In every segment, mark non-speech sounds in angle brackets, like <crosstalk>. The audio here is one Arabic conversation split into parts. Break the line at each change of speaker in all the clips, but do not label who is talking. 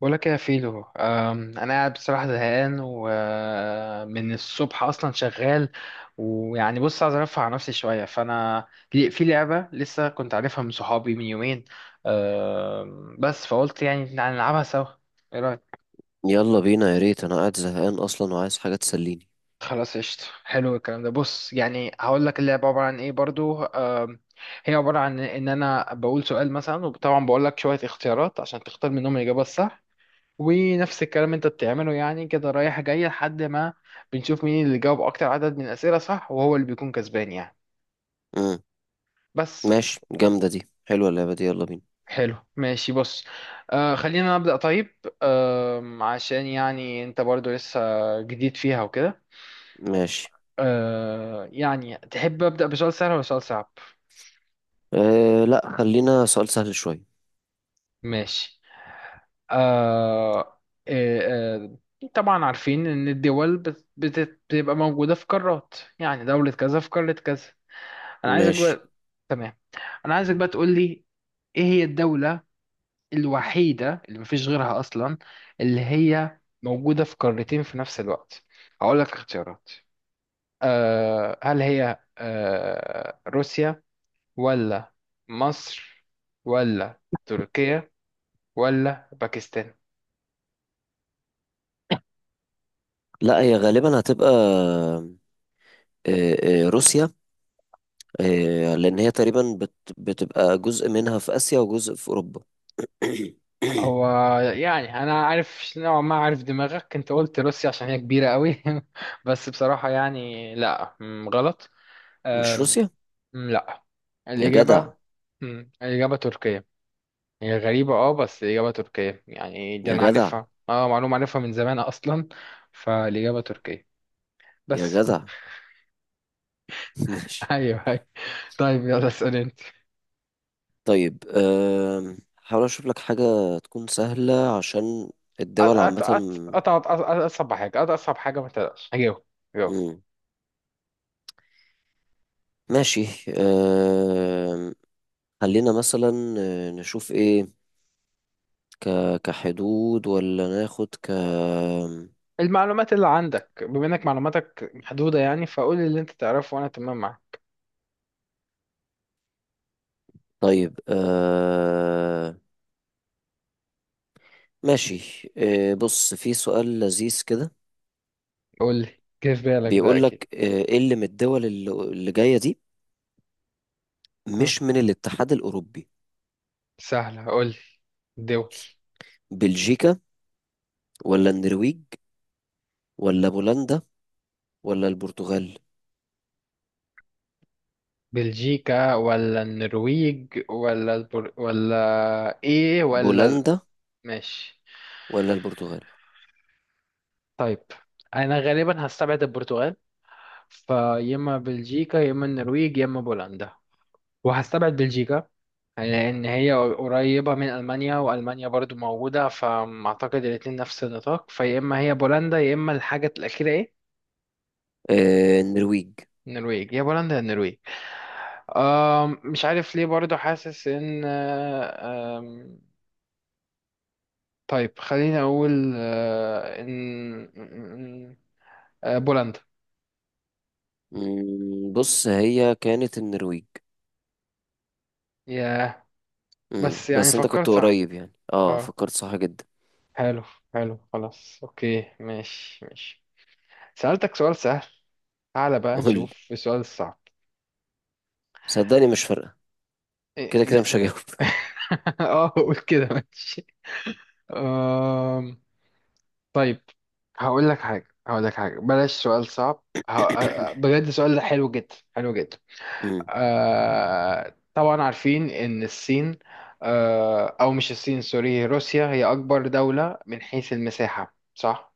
بقولك إيه يا فيلو، انا قاعد بصراحه زهقان ومن الصبح اصلا شغال. ويعني بص عايز ارفع عن نفسي شويه فانا في لعبه لسه كنت عارفها من صحابي من يومين. بس فقلت يعني نلعبها سوا. ايه رايك؟
يلا بينا يا ريت انا قاعد زهقان اصلا وعايز حاجه تسليني.
خلاص قشطة، حلو الكلام ده. بص يعني هقول لك اللعبة عبارة عن ايه برضو. هي عبارة عن ان انا بقول سؤال مثلا وطبعا بقول لك شوية اختيارات عشان تختار منهم الإجابة الصح، ونفس الكلام انت بتعمله يعني كده رايح جاي لحد ما بنشوف مين اللي جاوب اكتر عدد من الاسئله صح وهو اللي بيكون كسبان يعني.
امم
بس.
ماشي، جامده دي، حلوه اللعبه دي، يلا بينا.
حلو ماشي، بص. خلينا نبدا طيب. عشان يعني انت برضو لسه جديد فيها وكده.
ماشي.
يعني تحب ابدا بسؤال سهل ولا سؤال صعب؟
أه لا، خلينا سؤال سهل شويه.
ماشي. آه آه طبعا عارفين ان الدول بتبقى موجوده في قارات، يعني دوله كذا في قاره كذا. انا عايزك
ماشي.
بقى تمام. انا عايزك بقى تقول لي ايه هي الدولة الوحيدة اللي مفيش غيرها اصلا اللي هي موجودة في قارتين في نفس الوقت. هقول لك اختيارات. هل هي روسيا، ولا مصر، ولا تركيا، ولا باكستان؟
لا، هي غالبا هتبقى أه روسيا، أه لان هي تقريبا بتبقى جزء منها في اسيا وجزء في اوروبا. <coughs>
هو يعني انا عارف نوعا ما عارف دماغك، انت قلت روسيا عشان هي كبيرة قوي. <laughs> بس بصراحة يعني لا غلط.
مش روسيا؟
لا.
يا جدع!
الإجابة. الإجابة تركية. هي غريبة بس الإجابة تركية، يعني دي
يا
أنا
جدع!
عارفها معلومة عارفها من زمان <laughs> أصلا. فالإجابة تركية.
يا
بس.
جدع! <laughs>
<laughs>
ماشي.
أيوه أيوه. طيب يلا اسأل أنت.
طيب أه حاول اشوف لك حاجه تكون سهله، عشان
أت-
الدول
أت-
عامه.
أت- أت- أت- أصعب حاجة أصعب حاجة، ما تقلقش هجاوب. هجاوب.
مم. ماشي. آم، خلينا مثلا، نشوف ايه. ك... كحدود، ولا ناخد ك...
المعلومات اللي عندك بما إنك معلوماتك محدودة يعني، فقول لي اللي أنت تعرفه وأنا تمام معاك.
طيب ماشي، بص، في سؤال لذيذ كده.
قول لي، جه في بالك ده
بيقول
أكيد.
لك ايه اللي من الدول اللي جاية دي
مم،
مش من الاتحاد الأوروبي؟
سهلة، قول لي دول.
بلجيكا، ولا النرويج، ولا بولندا، ولا البرتغال.
بلجيكا، ولا النرويج، ولا ولا ايه، ولا
بولندا.
ماشي.
ولا البرتغال.
طيب انا غالبا هستبعد البرتغال، فيا اما بلجيكا يا اما النرويج يا اما بولندا. وهستبعد بلجيكا لان هي قريبة من المانيا والمانيا برضو موجودة فاعتقد الاتنين نفس النطاق، فيا اما هي بولندا يا اما الحاجة الاخيرة ايه.
النرويج.
النرويج، يا بولندا يا النرويج. مش عارف ليه برضو حاسس ان، طيب خليني أقول بولندا.
بص، هي كانت النرويج.
ياه.
امم،
بس يعني
بس انت كنت
فكرت صح.
قريب يعني، اه
اه.
فكرت صح جدا.
حلو. حلو خلاص أوكي، ماشي ماشي. سألتك سؤال سهل، تعالى بقى
قول لي،
نشوف في السؤال الصعب.
صدقني مش فارقة، كده كده
إيه.
مش هجاوب.
<laughs> اه قول كده، ماشي. أم، طيب هقول لك حاجة، هقول لك حاجة، بلاش سؤال صعب
<coughs>
بجد سؤال حلو جدا، حلو جدا.
امم.
طبعا عارفين ان الصين، او مش الصين، سوري، روسيا هي اكبر دولة من حيث المساحة صح.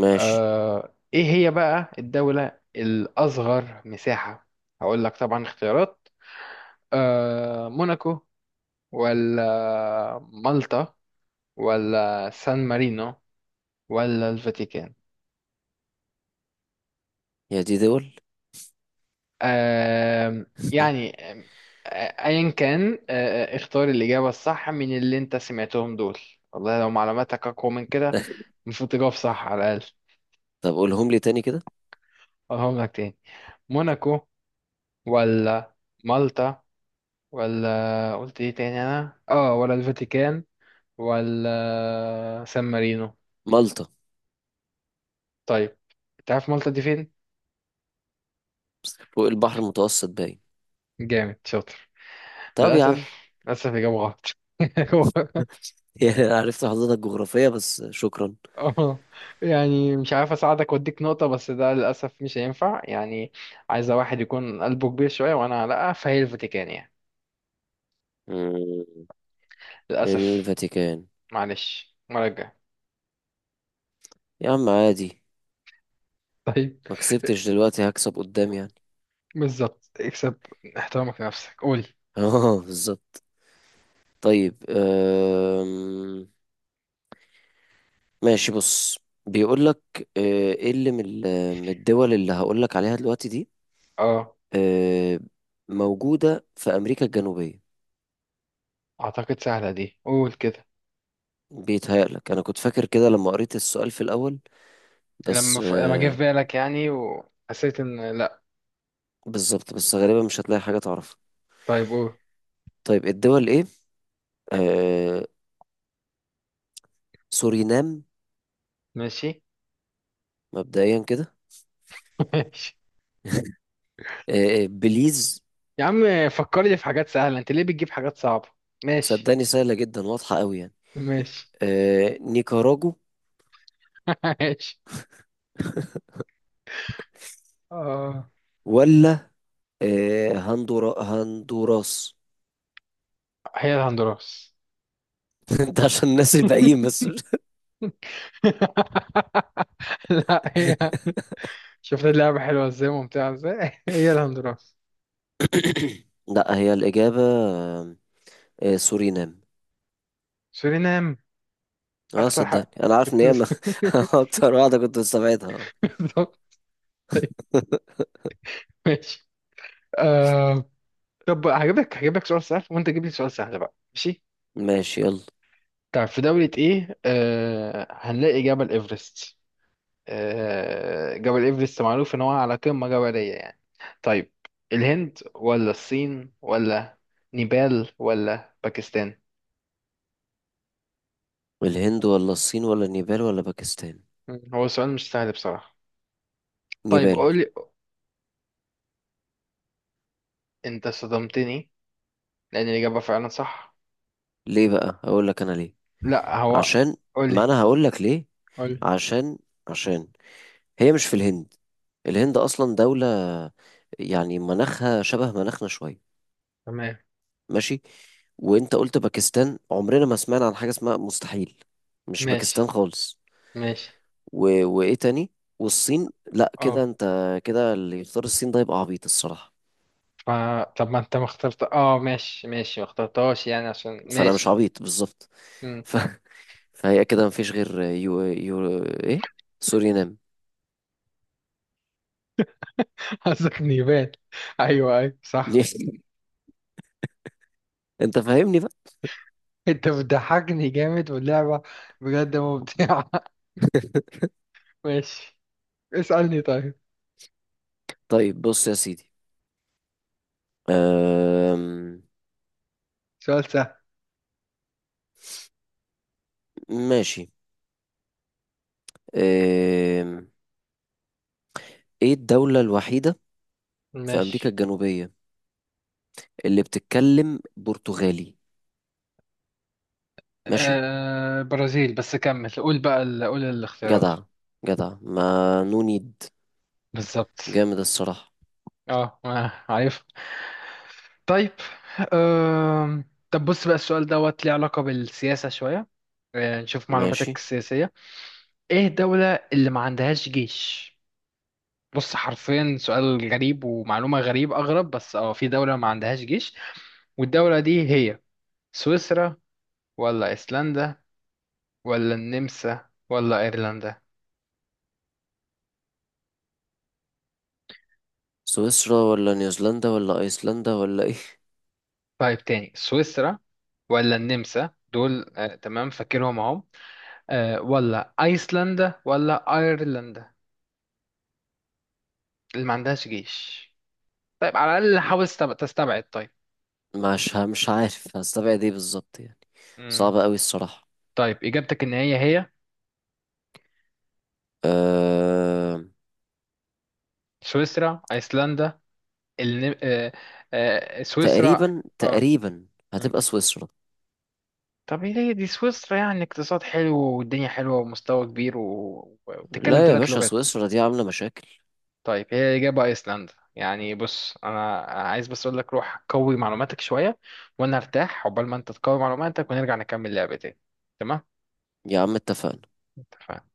ماشي.
ايه هي بقى الدولة الاصغر مساحة؟ هقول لك طبعا اختيارات. موناكو، ولا مالطا، ولا سان مارينو، ولا الفاتيكان.
يا دي دول!
يعني آه، ايا كان، اختار الاجابه الصح من اللي انت سمعتهم دول. والله لو معلوماتك اقوى من كده
<laughs>
المفروض تجاوب صح على الاقل.
طب قولهم لي تاني كده.
اقولهم لك تاني. موناكو، ولا مالطا، ولا قلت ايه تاني انا ولا الفاتيكان، ولا سان مارينو.
مالطا.
طيب. تعرف مالطا دي فين؟
فوق البحر المتوسط باين.
جامد، شاطر.
طب يا
للاسف،
عم!
للاسف اجابه غلط. <laughs>
<laughs> يعني أنا عرفت حضرتك جغرافية، بس شكرا.
اه يعني مش عارف اساعدك واديك نقطة بس ده للأسف مش هينفع يعني. عايزة واحد يكون قلبه كبير شوية وانا لا، فهي الفاتيكان يعني.
مم.
للأسف.
الفاتيكان.
معلش المرة الجاية.
يا عم عادي،
طيب.
ما كسبتش دلوقتي هكسب قدام يعني.
بالظبط، اكسب احترامك لنفسك، قول.
<laughs> اه بالظبط. طيب ماشي، بص، بيقول لك ايه اللي من من الدول اللي هقول لك عليها دلوقتي دي
اه
آه، موجودة في أمريكا الجنوبية.
اعتقد سهلة دي، قول كده.
بيتهيألك أنا كنت فاكر كده لما قريت السؤال في الأول، بس
لما جه في بالك يعني وحسيت ان لا.
بالظبط، بس غالبا مش هتلاقي حاجة تعرفها.
طيب قول.
طيب الدول إيه؟ آه، سورينام،
ماشي.
مبدئيا كده.
<laughs> ماشي
بليز.
يا عم، فكرني في حاجات سهلة، انت ليه بتجيب حاجات صعبة؟ ماشي.
صدقني سهلة جدا، واضحة أوي يعني.
ماشي.
نيكاراجو،
<laughs> ماشي. اه
ولا هندورا هندوراس.
هي الهندوراس.
<laughs> ده عشان الناس
<laughs>
الباقيين بس.
لا هي، شفت اللعبة حلوة ازاي، ممتعة ازاي. <laughs> هي الهندوراس.
<coughs> لا، هي الإجابة آم، سورينام.
سورينام،
اه
أكتر
صدقني
حق
انا عارف ان هي
بتس-
<laughs> اكتر واحدة كنت مستبعدها.
<laughs> بالظبط. طيب،
<laughs>
ماشي. آه... طب هجيبك سؤال سهل وأنت تجيب لي سؤال سهل بقى، ماشي.
ماشي، يلا.
طب في دولة إيه هنلاقي جبل إيفرست. جبل إيفرست معروف إن هو على قمة جبلية يعني. طيب، الهند ولا الصين ولا نيبال ولا باكستان؟
الهند ولا الصين ولا نيبال ولا باكستان؟
مم. هو السؤال مش سهل بصراحة. طيب
نيبال.
قولي، انت صدمتني لان الإجابة فعلا صح.
ليه بقى؟ هقول لك انا ليه.
لا هو.
عشان، ما
قولي.
انا هقول لك ليه.
قولي.
عشان، عشان هي مش في الهند. الهند اصلا دولة يعني مناخها شبه مناخنا شوية.
تمام.
ماشي. وانت قلت باكستان، عمرنا ما سمعنا عن حاجة اسمها، مستحيل، مش باكستان
ماشي
خالص.
ماشي.
وايه تاني؟ والصين لا، كده
اه
انت، كده اللي يختار الصين ده يبقى عبيط الصراحة.
ف... طب ما انت ما اخترت ماشي ماشي ما اخترتهاش يعني، عشان
فانا مش
ماشي.
عبيط بالظبط.
مم.
ف... <laughs> فهي كده مفيش غير ايه، سورينام.
<laughs> قصدك نيفال؟ ايوه ايوه، صح.
<laughs> انت فاهمني بقى.
انت بتضحكني جامد، واللعبة بجد ممتعة.
<laughs>
<laughs> ماشي. اسألني طيب.
طيب بص يا سيدي، أم...
سؤال سهل.
ماشي، أم... ايه الدولة الوحيدة في أمريكا
ماشي.
الجنوبية اللي بتتكلم برتغالي؟ ماشي.
برازيل. بس كمل، قول بقى قول الاختيارات.
جدع، جدع، ما نو نيد.
بالظبط.
جامد الصراحة.
اه عارف. طيب. أم... طب بص بقى السؤال دوت ليه علاقة بالسياسة شوية. نشوف معلوماتك
ماشي.
السياسية. ايه الدولة اللي ما عندهاش جيش؟ بص حرفيا سؤال غريب ومعلومة غريب أغرب، بس في دولة ما عندهاش جيش. والدولة دي هي سويسرا، ولا أيسلندا، ولا النمسا، ولا أيرلندا.
سويسرا، ولا نيوزيلندا، ولا ايسلندا، ولا ايه؟
طيب تاني، سويسرا ولا النمسا، دول تمام فاكرهم اهو. ولا ايسلندا ولا ايرلندا اللي ما عندهاش جيش. طيب على الاقل حاول تستبعد طيب.
مش عارف هستبعد ايه بالظبط يعني،
مم.
صعبة قوي الصراحة.
طيب اجابتك ان هي هي
أه...
سويسرا، ايسلندا، الن... آه، سويسرا.
تقريبا،
اه.
تقريبا
مم.
هتبقى سويسرا.
طب هي دي سويسرا يعني اقتصاد حلو والدنيا حلوه ومستوى كبير وبتتكلم
لا يا
ثلاث
باشا،
لغات.
سويسرا دي عاملة مشاكل.
طيب هي اجابه ايسلندا يعني، بص انا عايز بس اقول لك روح قوي معلوماتك شويه وانا ارتاح عقبال ما انت تقوي معلوماتك ونرجع نكمل لعبة تاني. تمام.
يا عم اتفقنا.
اتفقنا.